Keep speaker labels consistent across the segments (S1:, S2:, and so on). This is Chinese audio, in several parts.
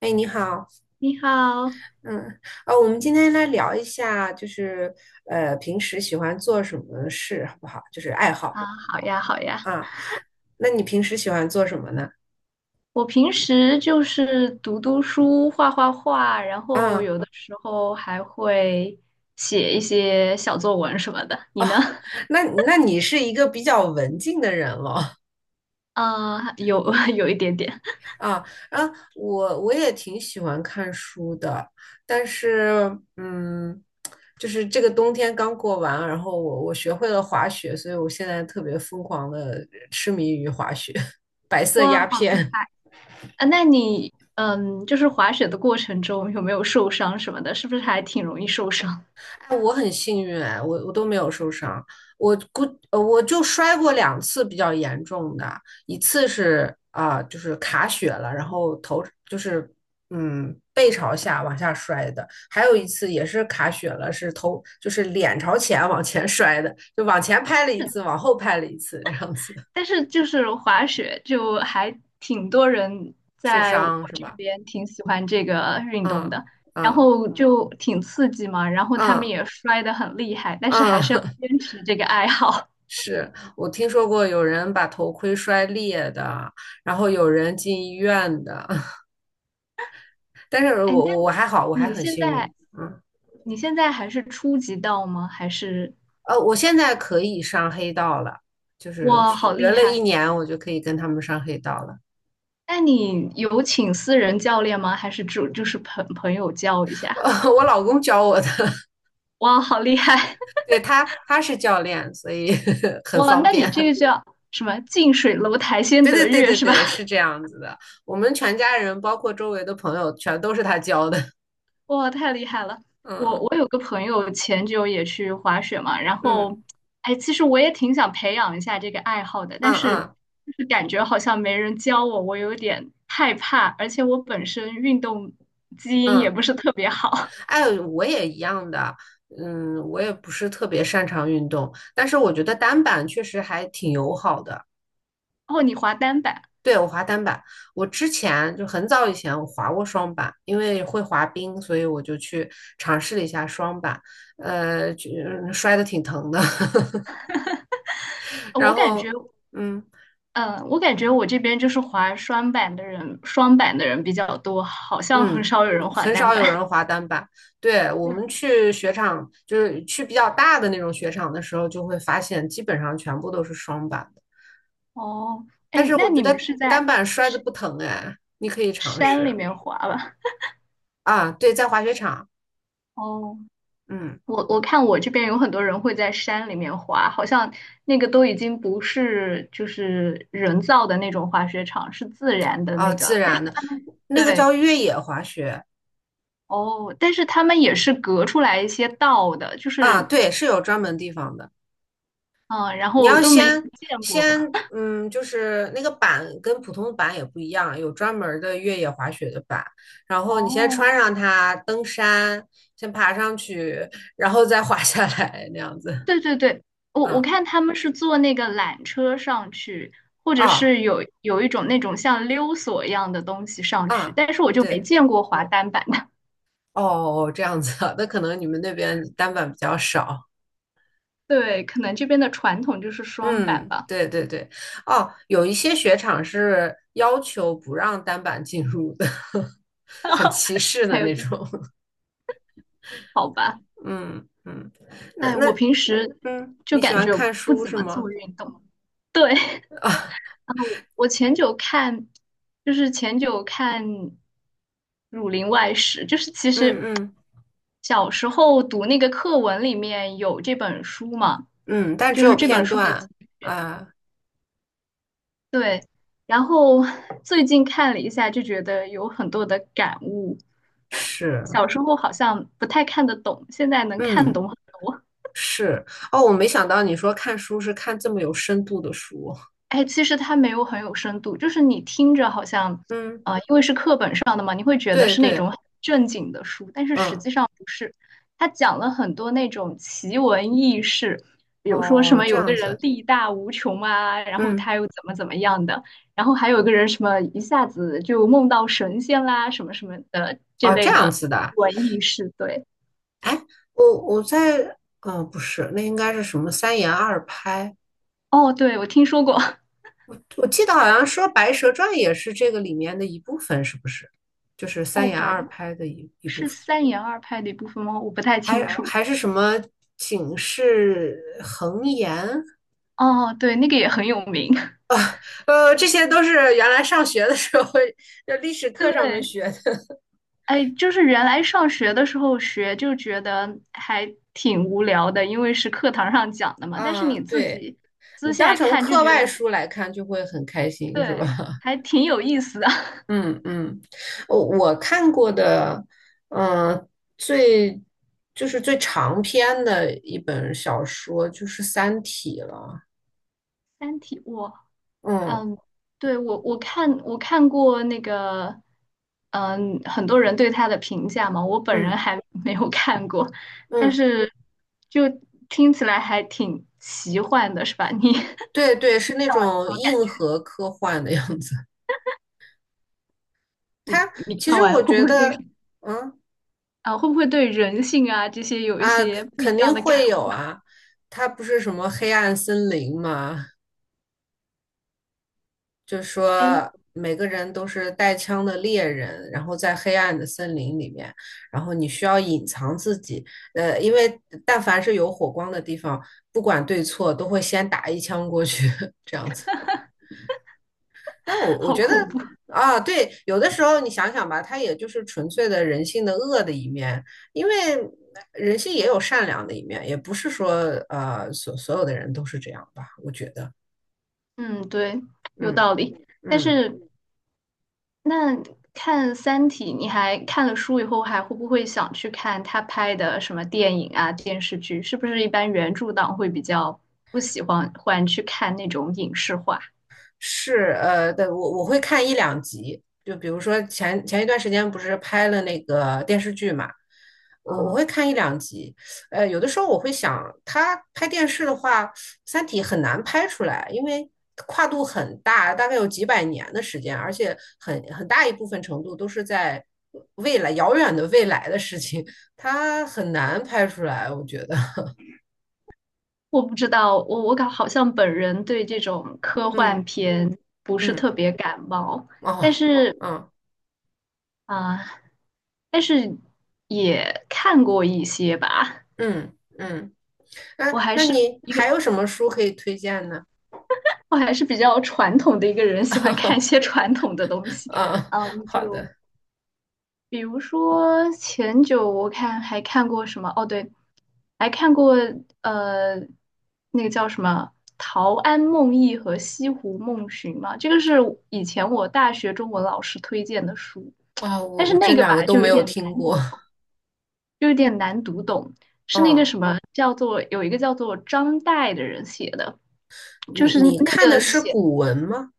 S1: 哎，你好。
S2: 你好
S1: 嗯，我们今天来聊一下，就是平时喜欢做什么事，好不好？就是爱好
S2: 啊，好呀，好呀。
S1: 啊。那你平时喜欢做什么呢？
S2: 我平时就是读读书、画画画，然后
S1: 啊，
S2: 有的时候还会写一些小作文什么的。你
S1: 哦，
S2: 呢？
S1: 那你是一个比较文静的人了。
S2: 啊，有 有一点点。
S1: 啊啊，我也挺喜欢看书的，但是就是这个冬天刚过完，然后我学会了滑雪，所以我现在特别疯狂的痴迷于滑雪。白色
S2: 哇，
S1: 鸦
S2: 好厉
S1: 片。
S2: 害！啊，那你就是滑雪的过程中有没有受伤什么的？是不是还挺容易受伤？
S1: 哎，我很幸运哎，我都没有受伤。我估我就摔过两次比较严重的。一次是就是卡血了，然后头就是背朝下往下摔的。还有一次也是卡血了，是头就是脸朝前往前摔的，就往前拍了一次，
S2: 是。
S1: 往后拍了一次，这样子。
S2: 但是就是滑雪，就还挺多人
S1: 受
S2: 在我
S1: 伤是
S2: 这
S1: 吧？
S2: 边挺喜欢这个运动
S1: 嗯。
S2: 的，然
S1: 嗯
S2: 后就挺刺激嘛，然后他们
S1: 嗯
S2: 也摔得很厉害，但是还是要
S1: 嗯，
S2: 坚持这个爱好。
S1: 是我听说过有人把头盔摔裂的，然后有人进医院的。但 是我
S2: 哎，那
S1: 我我还好，我还
S2: 你
S1: 很
S2: 现
S1: 幸运。
S2: 在
S1: 嗯，
S2: 你现在还是初级道吗？
S1: 我现在可以上黑道了，就是
S2: 哇，好
S1: 学
S2: 厉
S1: 了
S2: 害！
S1: 一年，我就可以跟他们上黑道了。
S2: 那你有请私人教练吗？还是就是朋友教一 下？
S1: 我老公教我的。
S2: 哇，好厉害！
S1: 对，他是教练，所以 很
S2: 哇，
S1: 方
S2: 那你这
S1: 便。
S2: 个叫什么？近水楼台 先
S1: 对对
S2: 得
S1: 对
S2: 月
S1: 对
S2: 是吧？
S1: 对，是这样子的。我们全家人包括周围的朋友全都是他教的。
S2: 哇，太厉害了！我
S1: 嗯。
S2: 我有个朋友前久也去滑雪嘛，然
S1: 嗯
S2: 后，哎，其实我也挺想培养一下这个爱好的，
S1: 嗯
S2: 但是
S1: 嗯
S2: 就是感觉好像没人教我，我有点害怕，而且我本身运动基因也
S1: 嗯。
S2: 不是特别好。
S1: 哎，我也一样的。嗯，我也不是特别擅长运动，但是我觉得单板确实还挺友好的。
S2: 哦，你滑单板，
S1: 对，我滑单板。我之前就很早以前我滑过双板，因为会滑冰，所以我就去尝试了一下双板。摔得挺疼的。
S2: 呃
S1: 然
S2: 我感觉，
S1: 后，嗯
S2: 嗯，我感觉我这边就是滑双板的人比较多，好像很
S1: 嗯。
S2: 少有人滑
S1: 很
S2: 单
S1: 少
S2: 板。
S1: 有人 滑单板。对，我
S2: 对，
S1: 们去雪场，就是去比较大的那种雪场的时候，就会发现基本上全部都是双板。
S2: 哦，
S1: 但
S2: 哎，
S1: 是
S2: 那
S1: 我觉
S2: 你们
S1: 得
S2: 是
S1: 单
S2: 在
S1: 板摔的不疼哎，你可以尝
S2: 山里
S1: 试
S2: 面滑吧？
S1: 啊。对，在滑雪场。
S2: 哦。
S1: 嗯，
S2: 我看我这边有很多人会在山里面滑，好像那个都已经不是就是人造的那种滑雪场，是自然的
S1: 啊，
S2: 那
S1: 自
S2: 个。但是
S1: 然的，那个
S2: 对，
S1: 叫越野滑雪。
S2: 哦，但是他们也是隔出来一些道的，就
S1: 啊，
S2: 是
S1: 对，是有专门地方的。
S2: 嗯，然
S1: 你
S2: 后我
S1: 要
S2: 都没
S1: 先
S2: 见过。
S1: 先，嗯，就是那个板跟普通的板也不一样，有专门儿的越野滑雪的板。然后你先
S2: 哦，
S1: 穿上它登山，先爬上去，然后再滑下来，那样子。
S2: 对对对，我
S1: 嗯，
S2: 看他们是坐那个缆车上去，或者
S1: 啊，
S2: 是有一种那种像溜索一样的东西上去，
S1: 啊，
S2: 但是我就没
S1: 对。
S2: 见过滑单板的。
S1: 哦，这样子啊，那可能你们那边单板比较少。
S2: 对，可能这边的传统就是双板
S1: 嗯，
S2: 吧。
S1: 对对对。哦，有一些雪场是要求不让单板进入的。很歧视
S2: 还
S1: 的
S2: 有
S1: 那
S2: 这种，
S1: 种。
S2: 好吧？
S1: 嗯，嗯，那
S2: 哎，我
S1: 那
S2: 平时
S1: 嗯，
S2: 就
S1: 你喜
S2: 感
S1: 欢
S2: 觉
S1: 看
S2: 不
S1: 书
S2: 怎
S1: 是
S2: 么做
S1: 吗？
S2: 运动。对，然后我前久看，就是前久看《儒林外史》，就是其
S1: 嗯
S2: 实
S1: 嗯
S2: 小时候读那个课文里面有这本书嘛，
S1: 嗯，但只
S2: 就是
S1: 有
S2: 这本
S1: 片
S2: 书的节
S1: 段。
S2: 选。
S1: 啊，
S2: 对，然后 最近看了一下，就觉得有很多的感悟。
S1: 是。
S2: 小时候好像不太看得懂，现在能看
S1: 嗯，
S2: 懂很多。
S1: 是。哦，我没想到你说看书是看这么有深度的书。
S2: 哎，其实它没有很有深度，就是你听着好像，
S1: 嗯，
S2: 因为是课本上的嘛，你会觉得
S1: 对
S2: 是那种
S1: 对。
S2: 很正经的书，但是实
S1: 嗯，
S2: 际上不是。它讲了很多那种奇闻异事，比如说什
S1: 哦，
S2: 么
S1: 这
S2: 有个
S1: 样
S2: 人
S1: 子。
S2: 力大无穷啊，然后
S1: 嗯。
S2: 他又怎么怎么样的，然后还有个人什么一下子就梦到神仙啦，什么什么的这
S1: 哦，这
S2: 类
S1: 样
S2: 的
S1: 子的。
S2: 文艺事。对，
S1: 哎，我在，不是，那应该是什么三言二拍？
S2: 哦，对，我听说过，
S1: 我记得好像说《白蛇传》也是这个里面的一部分，是不是？就是三
S2: 哦，
S1: 言二拍的一部
S2: 是
S1: 分。
S2: 三言二拍的一部分吗？我不太清
S1: 还
S2: 楚。
S1: 还是什么警示横言？
S2: 哦，对，那个也很有名。
S1: 这些都是原来上学的时候，就历史课上面
S2: 对，
S1: 学的。
S2: 哎，就是原来上学的时候学就觉得还挺无聊的，因为是课堂上讲的 嘛。但是
S1: 啊，
S2: 你自
S1: 对，
S2: 己
S1: 你
S2: 私
S1: 当
S2: 下
S1: 成
S2: 看就
S1: 课
S2: 觉
S1: 外
S2: 得，
S1: 书来看就会很开心，是吧？
S2: 对，还挺有意思的。
S1: 嗯，嗯，我看过的，嗯、最就是最长篇的一本小说就是《三体》了。
S2: 《三体》，
S1: 嗯
S2: 嗯，对，我看过那个，很多人对他的评价嘛，我本人
S1: 嗯
S2: 还 没有看过，但
S1: 嗯，
S2: 是就听起来还挺奇幻的，是吧？你
S1: 对 对，是那种硬
S2: 好，
S1: 核科幻的样子。
S2: 你
S1: 它
S2: 你
S1: 其
S2: 看
S1: 实我
S2: 完
S1: 觉得，嗯
S2: 会不会对人性啊这些有一
S1: 啊，
S2: 些不一
S1: 肯
S2: 样
S1: 定
S2: 的感
S1: 会有
S2: 悟？
S1: 啊。它不是什么黑暗森林吗？就
S2: 哎
S1: 说每个人都是带枪的猎人，然后在黑暗的森林里面，然后你需要隐藏自己。因为但凡是有火光的地方，不管对错，都会先打一枪过去。这样子。但我 我
S2: 好
S1: 觉得
S2: 恐怖。
S1: 啊，对，有的时候你想想吧，它也就是纯粹的人性的恶的一面。因为人性也有善良的一面，也不是说所有的人都是这样吧，我觉得。
S2: 嗯，对，有
S1: 嗯。
S2: 道理。但
S1: 嗯。
S2: 是那看《三体》，你还看了书以后，还会不会想去看他拍的什么电影啊、电视剧？是不是一般原著党会比较不喜欢去看那种影视化？
S1: 是，对，我会看一两集，就比如说前一段时间不是拍了那个电视剧嘛，我
S2: 啊？
S1: 会看一两集。有的时候我会想，他拍电视的话，《三体》很难拍出来，因为跨度很大，大概有几百年的时间，而且很大一部分程度都是在未来遥远的未来的事情，它很难拍出来，我觉得。
S2: 我不知道，我好像本人对这种科幻
S1: 嗯，
S2: 片不是
S1: 嗯，
S2: 特别感冒。但
S1: 哦，
S2: 是
S1: 嗯
S2: 啊，但是也看过一些吧。
S1: 嗯嗯。啊，
S2: 我还
S1: 那
S2: 是
S1: 你
S2: 一个，
S1: 还有什么书可以推荐呢？
S2: 我还是比较传统的一个人，喜欢看一些 传统的东西。
S1: 啊，好
S2: 就
S1: 的。
S2: 比如说前久我看还看过什么？哦，对，还看过呃，那个叫什么《陶庵梦忆》和《西湖梦寻》嘛。这个是以前我大学中文老师推荐的书，
S1: 啊，我
S2: 但是
S1: 我这
S2: 那个
S1: 两
S2: 吧
S1: 个都
S2: 就有
S1: 没有
S2: 点
S1: 听
S2: 难。
S1: 过。
S2: 就有点难读懂，是那个
S1: 哦，
S2: 什么叫做有一个叫做张岱的人写的，就
S1: 你
S2: 是
S1: 你
S2: 那
S1: 看的
S2: 个
S1: 是
S2: 写，
S1: 古文吗？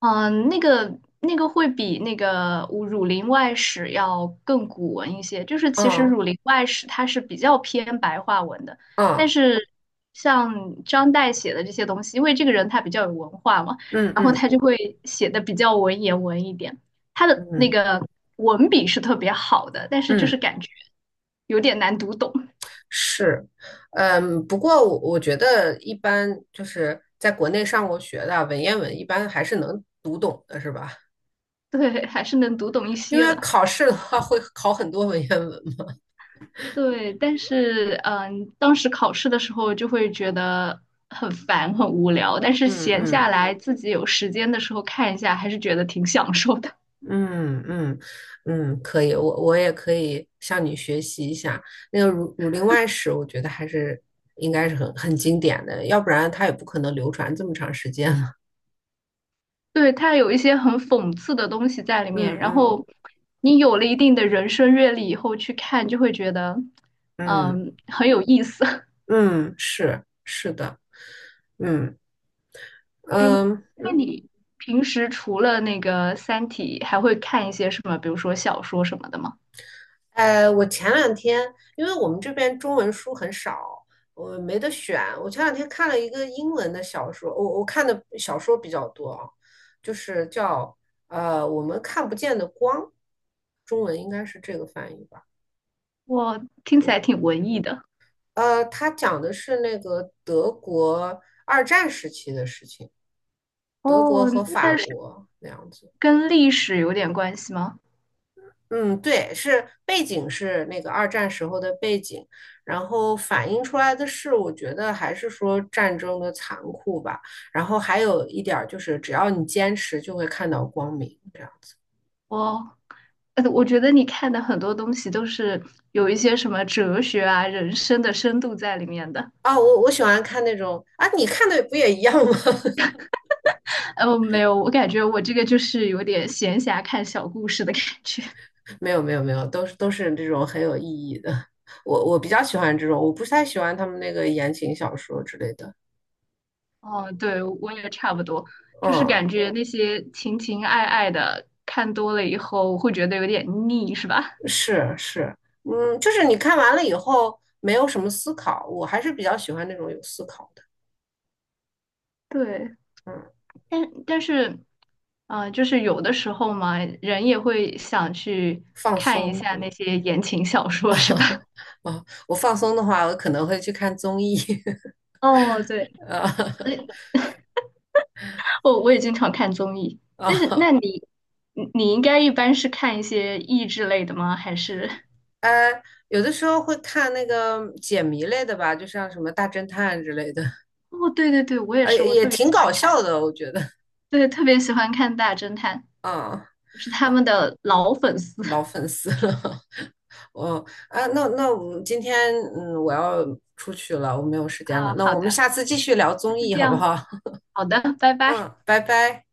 S2: 那个会比那个《儒林外史》要更古文一些。就是其实
S1: 啊，
S2: 《儒林外史》它是比较偏白话文的，但
S1: 啊，
S2: 是像张岱写的这些东西，因为这个人他比较有文化嘛，
S1: 嗯
S2: 然后
S1: 嗯
S2: 他就会写的比较文言文一点。他的那
S1: 嗯
S2: 个文笔是特别好的，但是就是
S1: 嗯，
S2: 感觉有点难读懂。
S1: 是。嗯，不过我觉得一般就是在国内上过学的文言文，一般还是能读懂的，是吧？
S2: 对，还是能读懂一
S1: 因
S2: 些
S1: 为
S2: 的。
S1: 考试的话会考很多文言文嘛。
S2: 对，但是当时考试的时候就会觉得很烦、很无聊，但是
S1: 嗯
S2: 闲下
S1: 嗯。
S2: 来自己有时间的时候看一下，还是觉得挺享受的。
S1: 嗯嗯。嗯，可以，我也可以向你学习一下那个《儒林外史》，我觉得还是应该是很经典的，要不然它也不可能流传这么长时间了。
S2: 对，它有一些很讽刺的东西在里面，
S1: 嗯，
S2: 然
S1: 嗯
S2: 后你有了一定的人生阅历以后去看，就会觉得
S1: 嗯
S2: 很有意思。
S1: 嗯，是是的，嗯
S2: 哎，
S1: 嗯
S2: 那
S1: 嗯。
S2: 你平时除了那个《三体》，还会看一些什么，比如说小说什么的吗？
S1: 我前两天因为我们这边中文书很少，我没得选。我前两天看了一个英文的小说，我看的小说比较多啊，就是叫我们看不见的光，中文应该是这个翻译吧。
S2: 我听起来
S1: 我
S2: 挺文艺的。
S1: 它讲的是那个德国二战时期的事情，德国
S2: 哦，
S1: 和法
S2: 那
S1: 国那样子。
S2: 跟历史有点关系吗？
S1: 嗯，对，是背景是那个二战时候的背景，然后反映出来的是，我觉得还是说战争的残酷吧。然后还有一点儿就是，只要你坚持，就会看到光明。这样
S2: 哦，我觉得你看的很多东西都是有一些什么哲学啊、人生的深度在里面的。
S1: 啊，我我喜欢看那种啊，你看的不也一样吗？
S2: 没有，我感觉我这个就是有点闲暇看小故事的感觉。
S1: 没有没有没有，都是这种很有意义的。我比较喜欢这种，我不太喜欢他们那个言情小说之类的。
S2: 哦，对，我也差不多，就是
S1: 嗯。
S2: 感觉那些情情爱爱的看多了以后会觉得有点腻，是吧？
S1: 是是，嗯，就是你看完了以后没有什么思考，我还是比较喜欢那种有思考的。
S2: 对。
S1: 嗯，
S2: 但是，啊，就是有的时候嘛，人也会想去
S1: 放
S2: 看一
S1: 松
S2: 下
S1: 是
S2: 那
S1: 吗？
S2: 些言情小说，是吧？
S1: 我放松的话，我可能会去看综艺。
S2: 哦，对，
S1: 啊。
S2: 我也经常看综艺，但是
S1: 啊，
S2: 那你应该一般是看一些益智类的吗？还是？
S1: 呃，有的时候会看那个解谜类的吧，就像什么大侦探之类的。
S2: 哦，对对对，我也是，我
S1: 也
S2: 特别
S1: 挺
S2: 喜欢
S1: 搞
S2: 看，
S1: 笑的，我觉得。
S2: 对，特别喜欢看大侦探，
S1: 啊
S2: 我是他
S1: 啊，
S2: 们的老粉丝
S1: 老 粉丝了。我啊，那我们今天我要出去了，我没有时间了，
S2: 啊。
S1: 那
S2: 好
S1: 我们
S2: 的，
S1: 下次继续聊综
S2: 就
S1: 艺
S2: 这
S1: 好不
S2: 样，
S1: 好？
S2: 好的，拜拜。
S1: 嗯，拜拜。